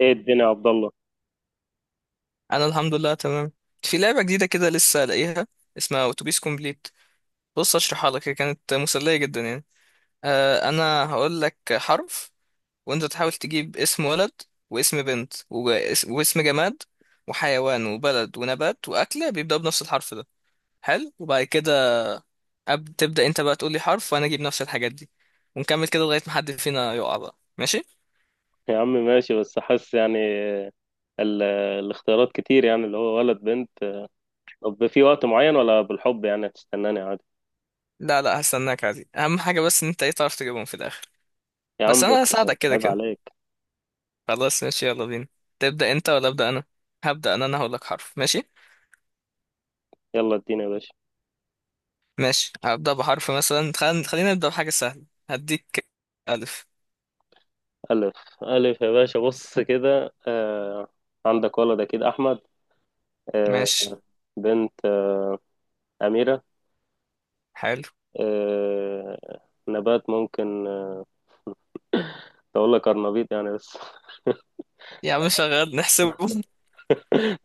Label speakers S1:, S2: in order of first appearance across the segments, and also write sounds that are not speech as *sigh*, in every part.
S1: ايه الدنيا يا عبد الله؟
S2: انا الحمد لله تمام. في لعبه جديده كده لسه لاقيها، اسمها اتوبيس كومبليت. بص اشرحها لك، هي كانت مسليه جدا يعني. انا هقول لك حرف وانت تحاول تجيب اسم ولد واسم بنت واسم جماد وحيوان وبلد ونبات واكله بيبداوا بنفس الحرف ده. حلو، وبعد كده تبدا انت بقى تقول لي حرف وانا اجيب نفس الحاجات دي، ونكمل كده لغايه ما حد فينا يقع بقى، ماشي؟
S1: يا عم ماشي، بس حاسس يعني ال- الاختيارات كتير، يعني اللي هو ولد بنت. طب في وقت معين ولا بالحب يعني هتستناني عادي؟
S2: لا لا، هستناك عادي، اهم حاجه بس ان انت ايه، تعرف تجيبهم في الاخر.
S1: يا عم
S2: بس انا هساعدك كده
S1: عيب
S2: كده.
S1: عليك.
S2: خلاص ماشي، يلا بينا. تبدأ انت ولا أبدأ انا؟ هبدأ انا. هقول لك حرف، ماشي؟
S1: يلا اديني يا باشا.
S2: ماشي، هبدأ بحرف مثلا خلينا نبدأ بحاجة سهلة هديك. ألف.
S1: ألف. ألف يا باشا بص كده. عندك ولد أكيد أحمد. آه
S2: ماشي،
S1: بنت، أميرة.
S2: حلو.
S1: آه نبات ممكن أقول لك أرنبيط يعني، بس *laughs*
S2: يا عم شغال، نحسبه.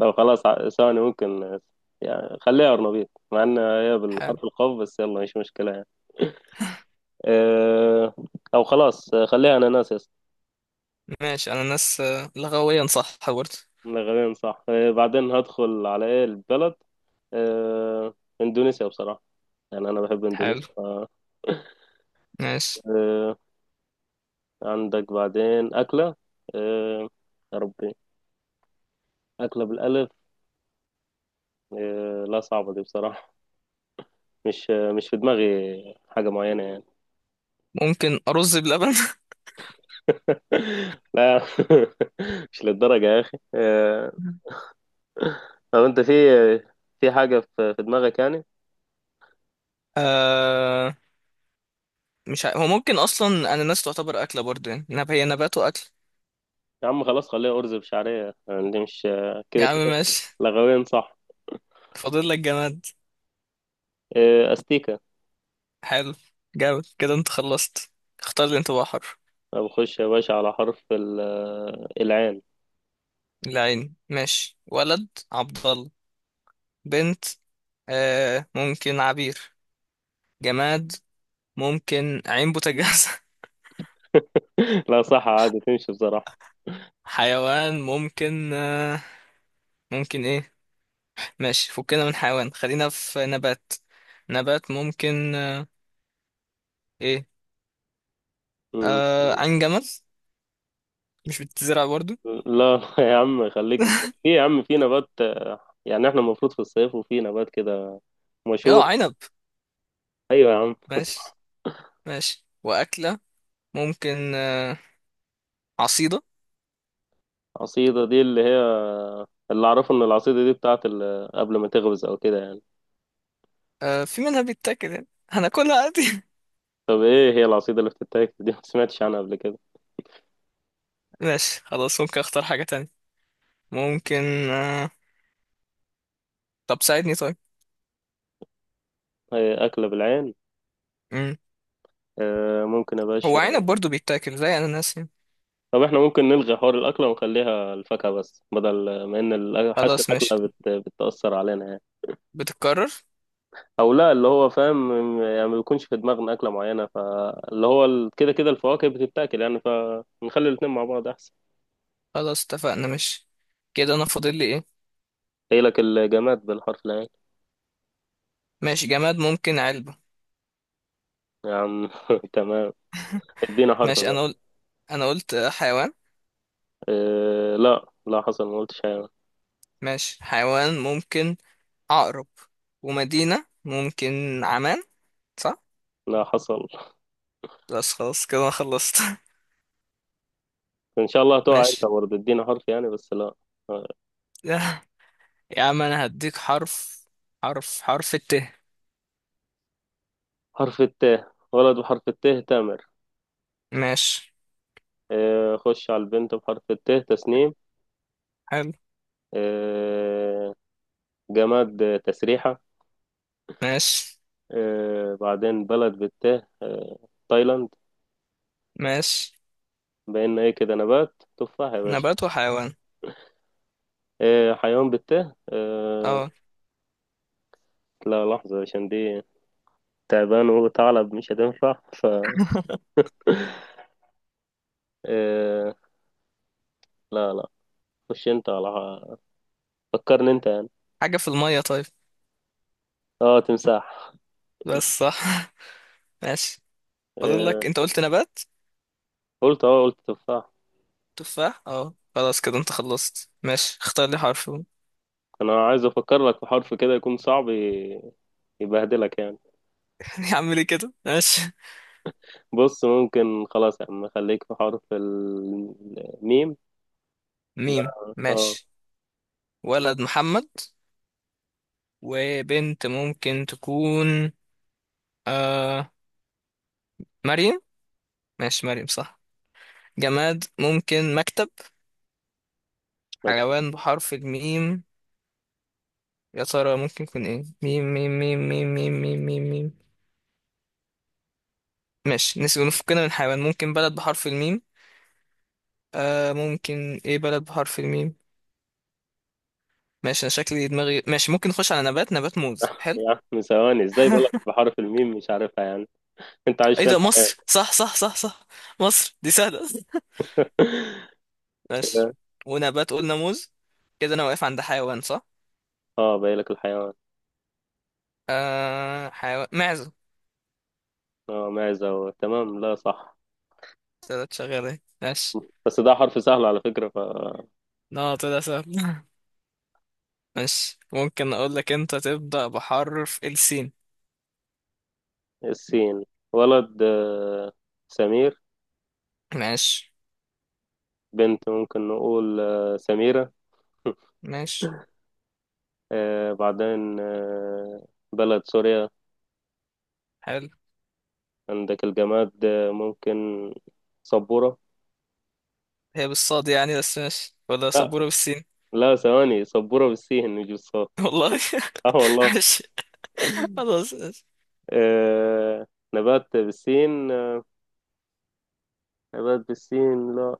S1: لو خلاص، ثواني ممكن، يعني خليها أرنبيط مع إن هي
S2: حلو.
S1: بالحرف القاف، بس يلا مش مشكلة يعني. أه. أو خلاص، خليها أناناس يا اسطى.
S2: ماشي، انا ناس، لغويا صح برضه.
S1: غالبا صح. بعدين هدخل على إيه، البلد. أه إندونيسيا بصراحة، يعني أنا بحب
S2: حلو.
S1: إندونيسيا
S2: ماشي،
S1: أه عندك بعدين أكلة. أه يا ربي، أكلة بالألف. لا صعبة دي بصراحة، مش في دماغي حاجة معينة يعني.
S2: ممكن أرز بلبن. *laughs*
S1: *laughs* لا. *laughs* مش للدرجة يا أخي. طب انت في في حاجة في في دماغك يعني؟
S2: آه... مش ع... هو ممكن اصلا انا ناس تعتبر اكلة برضه يعني. هي نبات واكل.
S1: يا عم خلاص، خليها أرز بشعرية، يعني دي مش
S2: يا
S1: كده
S2: عم
S1: كده،
S2: ماشي.
S1: لغويا صح.
S2: فاضل لك جماد.
S1: إيه، أستيكة.
S2: حلو. جامد كده، انت خلصت. اختار لي انت بقى حرف.
S1: طب خش يا باشا على حرف العين.
S2: العين، ماشي. ولد عبد الله. بنت، آه، ممكن عبير. جماد، ممكن عين بوتاجاز.
S1: *laughs* لا صح، عادي تمشي بصراحة.
S2: *laughs* حيوان ممكن، آه ممكن ايه ماشي فكنا من حيوان، خلينا في نبات. نبات ممكن، آه ايه
S1: م-
S2: آه عين جمل، مش بتزرع برضو.
S1: لا يا عم خليك في، يا عم في نبات. يعني احنا المفروض في الصيف وفي نبات كده
S2: اه،
S1: مشهور.
S2: عنب.
S1: ايوه يا عم.
S2: ماشي.
S1: *laughs*
S2: ماشي، وأكلة ممكن، آه، عصيدة.
S1: عصيدة دي اللي هي، اللي اعرفه ان العصيدة دي بتاعت قبل ما تغمز او كده يعني.
S2: آه، في منها بيتاكل يعني، هناكلها عادي.
S1: طب ايه هي العصيدة اللي بتتاكل دي؟ ما سمعتش عنها قبل كده.
S2: *laughs* ماشي خلاص، ممكن اختار حاجة تانية. ممكن، آه، طب ساعدني طيب.
S1: هي أكلة بالعين.
S2: مم.
S1: ممكن يا
S2: هو
S1: باشا.
S2: عنب برضو بيتاكل زي اناناس يعني.
S1: طب احنا ممكن نلغي حوار الأكلة ونخليها الفاكهة بس، بدل ما إن حاسس
S2: خلاص ماشي،
S1: الأكلة بتأثر علينا يعني.
S2: بتتكرر.
S1: أو لا، اللي هو فاهم، يعني ما بيكونش في دماغنا أكلة معينة، فاللي هو كده كده الفواكه بتتاكل يعني، فنخلي الاتنين مع بعض أحسن.
S2: خلاص اتفقنا ماشي. كده انا فاضل لي ايه؟
S1: هي لك الجماد بالحرف العين.
S2: ماشي، جماد ممكن علبة.
S1: يا عم *laughs* تمام. ادينا حرف
S2: ماشي. انا
S1: بقى.
S2: قلت انا قلت حيوان.
S1: إيه؟ لا لا حصل، ما قلتش حاجة.
S2: ماشي، حيوان ممكن عقرب، ومدينة ممكن عمان، صح؟
S1: لا حصل.
S2: بس خلاص كده انا خلصت.
S1: ان شاء الله
S2: *laughs*
S1: تقع انت
S2: ماشي.
S1: برضه، ادينا حرف يعني، بس لا. آه.
S2: يا عم انا هديك حرف. حرف الت.
S1: حرف التاء، ولد بحرف التاء تامر.
S2: ماشي.
S1: خش على البنت بحرف التاء تسنيم.
S2: حلو.
S1: آه، جماد، تسريحة.
S2: ماشي.
S1: بعدين بلد بالتاء، تايلاند.
S2: ماشي
S1: بقينا ايه كده، نبات تفاح يا باشا.
S2: نبات وحيوان.
S1: حيوان بالتاء،
S2: اه،
S1: لا لحظة عشان دي تعبان وثعلب مش هتنفع آه، لا لا، خش انت على، فكرني انت يعني.
S2: حاجة في المية طيب.
S1: اه تمساح.
S2: بس صح. *laughs* ماشي، فاضل
S1: آه،
S2: لك، انت قلت نبات.
S1: قلت تفاح.
S2: تفاح، اه. خلاص كده انت خلصت، ماشي. اختار لي حرف. *laughs*
S1: انا عايز افكر لك في حرف كده يكون صعب، يبهدلك يعني.
S2: يا عم ليه كده، ماشي.
S1: بص ممكن خلاص يا عم خليك في حرف الميم ده.
S2: ميم،
S1: اه.
S2: ماشي. ولد محمد. وبنت ممكن تكون، آه، مريم. ماشي، مريم صح. جماد ممكن مكتب.
S1: لك-
S2: حيوان بحرف الميم، يا ترى ممكن يكون ايه؟ ميم ميم ميم ميم ميم ميم ميم ميم ماشي نسيب، نفكنا من حيوان. ممكن بلد بحرف الميم، آه ممكن ايه بلد بحرف الميم؟ ماشي انا شكلي دماغي ماشي، ممكن نخش على نبات. نبات موز، حلو.
S1: يا عم ثواني، ازاي بالك بحرف الميم مش عارفها يعني؟ *laughs* انت عايش
S2: ايه
S1: فين
S2: ده،
S1: حاليا؟
S2: مصر، صح صح صح صح. مصر دي سهلة. *laughs*
S1: *laughs*
S2: ماشي.
S1: كده.
S2: ونبات قلنا موز، كده انا واقف عند حيوان، صح؟
S1: اه بايلك الحيوان.
S2: حيوان معزة.
S1: اه معزة، تمام، لا صح.
S2: طلعت شغالة اهي. ماشي.
S1: بس ده حرف سهل على فكرة
S2: لا طلع سهل. *laughs* ماشي، ممكن اقول لك انت تبدأ بحرف السين.
S1: السين. ولد سمير.
S2: ماشي.
S1: بنت ممكن نقول سميرة.
S2: ماشي.
S1: بعدين بلد سوريا.
S2: حلو.
S1: عندك الجماد، ممكن سبورة.
S2: هي بالصاد يعني، بس ماشي، ولا
S1: لا
S2: سبورة بالسين.
S1: لا ثواني، سبورة بالسين مش بالصاد.
S2: *laughs* والله.
S1: اه
S2: *laughs*
S1: والله.
S2: ماشي، خلاص.
S1: آه نبات بالسين، نبات بالسين لا.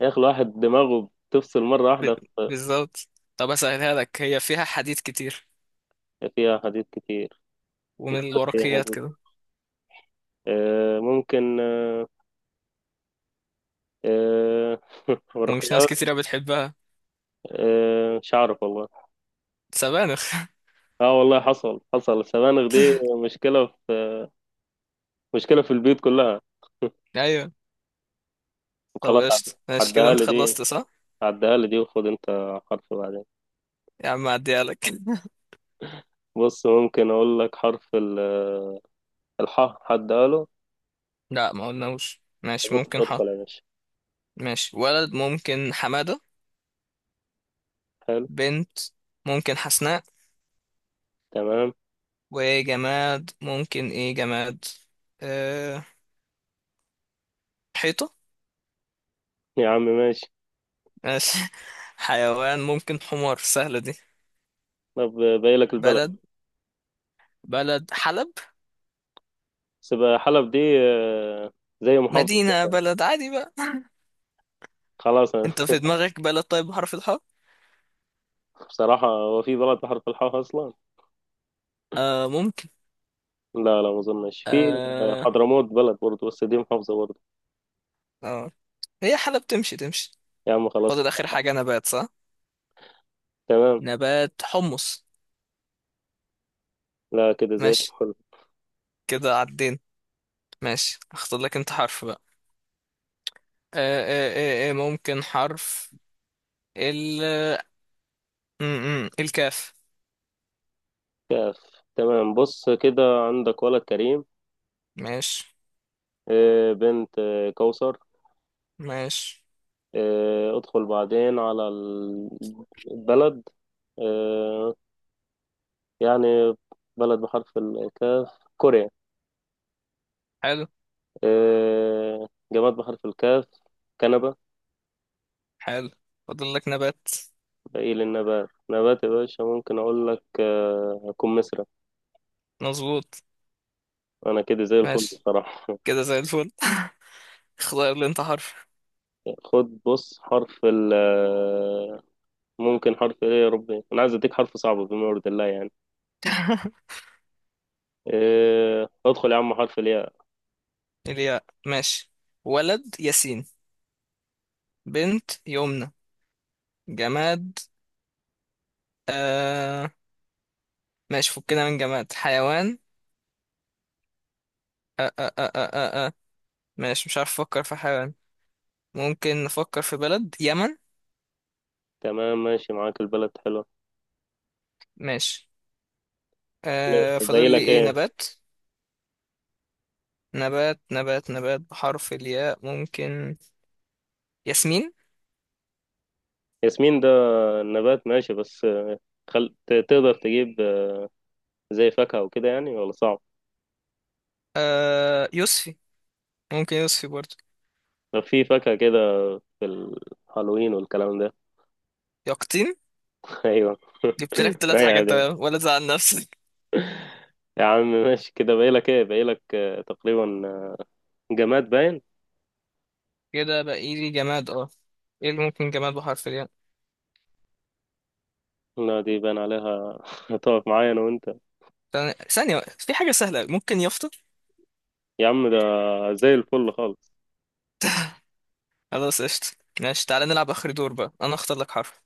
S1: يا أخي الواحد دماغه بتفصل مرة
S2: ب-
S1: واحدة
S2: بالظبط. طب اسهلها لك، هي فيها حديد كتير،
S1: فيها حديث كتير.
S2: ومن
S1: نبات فيها
S2: الورقيات
S1: حديث.
S2: كده،
S1: ممكن. آه *laughs*
S2: ومش ناس
S1: ورقيات.
S2: كتيرة بتحبها.
S1: مش عارف والله.
S2: سبانخ.
S1: اه والله حصل، حصل السبانخ دي، مشكلة في مشكلة في البيوت كلها.
S2: *laughs* ايوه. طب
S1: وخلاص،
S2: قشطة، ماشي كده
S1: عدها
S2: انت
S1: لي دي.
S2: خلصت، صح؟
S1: عدها لي دي، وخد انت حرف بعدين.
S2: يا عم اعديها لك. *laughs*
S1: بص ممكن اقول لك حرف الحاء، عدها له.
S2: لا ما قلناش، ماشي
S1: ادخل
S2: ممكن ح.
S1: ادخل يا باشا.
S2: ماشي، ولد ممكن حمادة.
S1: حلو.
S2: بنت ممكن حسناء.
S1: تمام.
S2: وجماد ممكن ايه جماد، أه... حيطة.
S1: يا عم ماشي.
S2: ماشي. *laughs* حيوان ممكن حمار، سهلة دي.
S1: طب باقي لك البلد.
S2: بلد، بلد حلب.
S1: بس بقى حلب دي، زي محافظة
S2: مدينة
S1: كده.
S2: بلد عادي بقى.
S1: خلاص أنا.
S2: انت في دماغك بلد طيب بحرف الحاء؟
S1: *laughs* بصراحة، هو في بلد بحرف الحاء أصلا؟
S2: آه ممكن
S1: لا لا، ما أظنش في.
S2: آه
S1: حضرموت بلد برضه، بس دي محافظة برضه.
S2: آه هي حالة بتمشي تمشي.
S1: يا عم خلاص
S2: فاضل آخر حاجة نبات، صح؟
S1: تمام.
S2: نبات حمص.
S1: لا، كده زي
S2: ماشي.
S1: الفل.
S2: كده عدين. ماشي، اختار لك انت حرف بقى. آه ممكن حرف ال م -م. الكاف.
S1: كاف. تمام، بص كده، عندك ولد كريم.
S2: ماشي.
S1: بنت كوثر.
S2: ماشي.
S1: ادخل بعدين على البلد، آه، يعني بلد بحرف الكاف كوريا.
S2: حلو.
S1: جماد بحرف الكاف، كنبة.
S2: حلو. فاضل لك نبات.
S1: باقي للنبات، نبات يا باشا ممكن أقول لك كمثرى.
S2: مظبوط.
S1: أنا كده زي الفل
S2: ماشي.
S1: بصراحة.
S2: كده زي الفل. *laughs* اختار لي انت حرف.
S1: *laughs* خد بص حرف ال آه، ممكن حرف إيه، يا ربي أنا عايز أديك حرف صعب بما يرضي الله يعني.
S2: *laughs*
S1: ادخل يا عم، حرف الياء.
S2: الياء، ماشي. ولد ياسين. بنت يمنى. جماد، آه ماشي فكنا من جماد. حيوان، آه آه آه آه آه آه. ماشي مش عارف افكر في حيوان. ممكن نفكر في بلد، يمن.
S1: تمام ماشي، معاك البلد حلو.
S2: ماشي. آه،
S1: باقي
S2: فاضل لي
S1: لك
S2: ايه،
S1: إيه؟
S2: نبات. نبات بحرف الياء، ممكن ياسمين.
S1: ياسمين ده نبات ماشي، بس تقدر تجيب زي فاكهة وكده يعني، ولا صعب؟
S2: آه يوسفي، ممكن يوسفي برضه.
S1: طب في فاكهة كده في الهالوين والكلام ده؟
S2: يقطين.
S1: *laughs* ايوه.
S2: جبت لك ثلاث
S1: رايقة
S2: حاجات،
S1: دي.
S2: تمام ولا تزعل نفسك.
S1: يا عم ماشي، كده باقيلك تقريبا جماد باين.
S2: *laughs* كده بقى لي جماد، اه. ايه اللي ممكن جماد بحرف الياء؟
S1: لا دي باين عليها، *laughs* هتقف معايا انا وانت.
S2: ثانية ثانية، في حاجة سهلة، ممكن يافطة.
S1: يا عم ده زي الفل خالص.
S2: خلاص قشطة. ماشي، تعالى نلعب آخر دور بقى، أنا أختار لك حرف.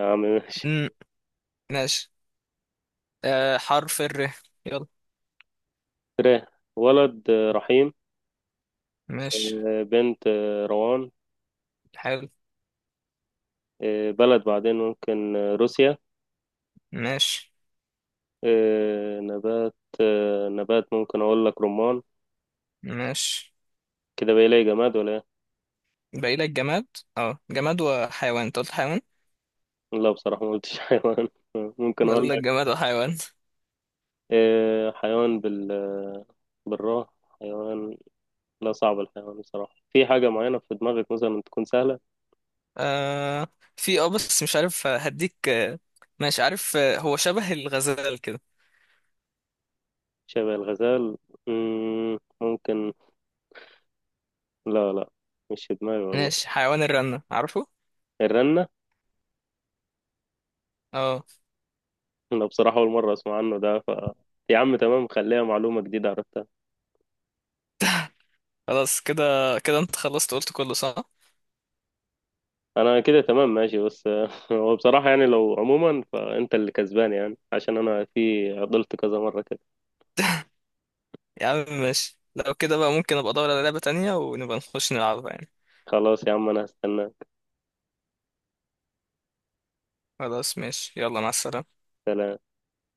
S1: يا عم ماشي.
S2: مم. ماشي. حرف الر، يلا.
S1: تراه. ولد رحيم.
S2: ماشي.
S1: بنت روان.
S2: حلو.
S1: بلد بعدين ممكن روسيا.
S2: ماشي.
S1: إيه نبات. نبات ممكن اقول لك رمان.
S2: ماشي،
S1: كده بقى لي جماد ولا ايه؟
S2: باقي لك جماد. اه، جماد وحيوان، انت قلت حيوان.
S1: لا بصراحة ما قلتش *laughs* حيوان. ممكن
S2: باقي
S1: اقول
S2: لك
S1: لك
S2: جماد وحيوان.
S1: إيه، حيوان بال، بالراء، حيوان. لا صعب الحيوان بصراحة، في حاجة معينة في دماغك مثلا تكون سهلة؟
S2: آه في، اه بس مش عارف، هديك، ماشي عارف، هو شبه الغزال كده.
S1: شبه الغزال؟ مم، ممكن. لا لا، مش في دماغي والله.
S2: ماشي، حيوان الرنة، عارفه؟
S1: الرنة؟
S2: اه.
S1: أنا بصراحة أول مرة أسمع عنه ده يا عم تمام، خليها معلومة جديدة عرفتها.
S2: خلاص كده، كده انت خلصت، قلت كله صح.
S1: انا كده تمام ماشي، بس *laughs* هو بصراحة يعني لو عموما فانت اللي كسبان، يعني عشان انا في عضلت كذا مرة كده.
S2: يا عم ماشي، لو كده بقى ممكن ابقى ادور على لعبة تانية ونبقى نخش نلعبها يعني.
S1: خلاص يا عم انا هستناك.
S2: خلاص ماشي، يلا مع السلامة.
S1: سلام.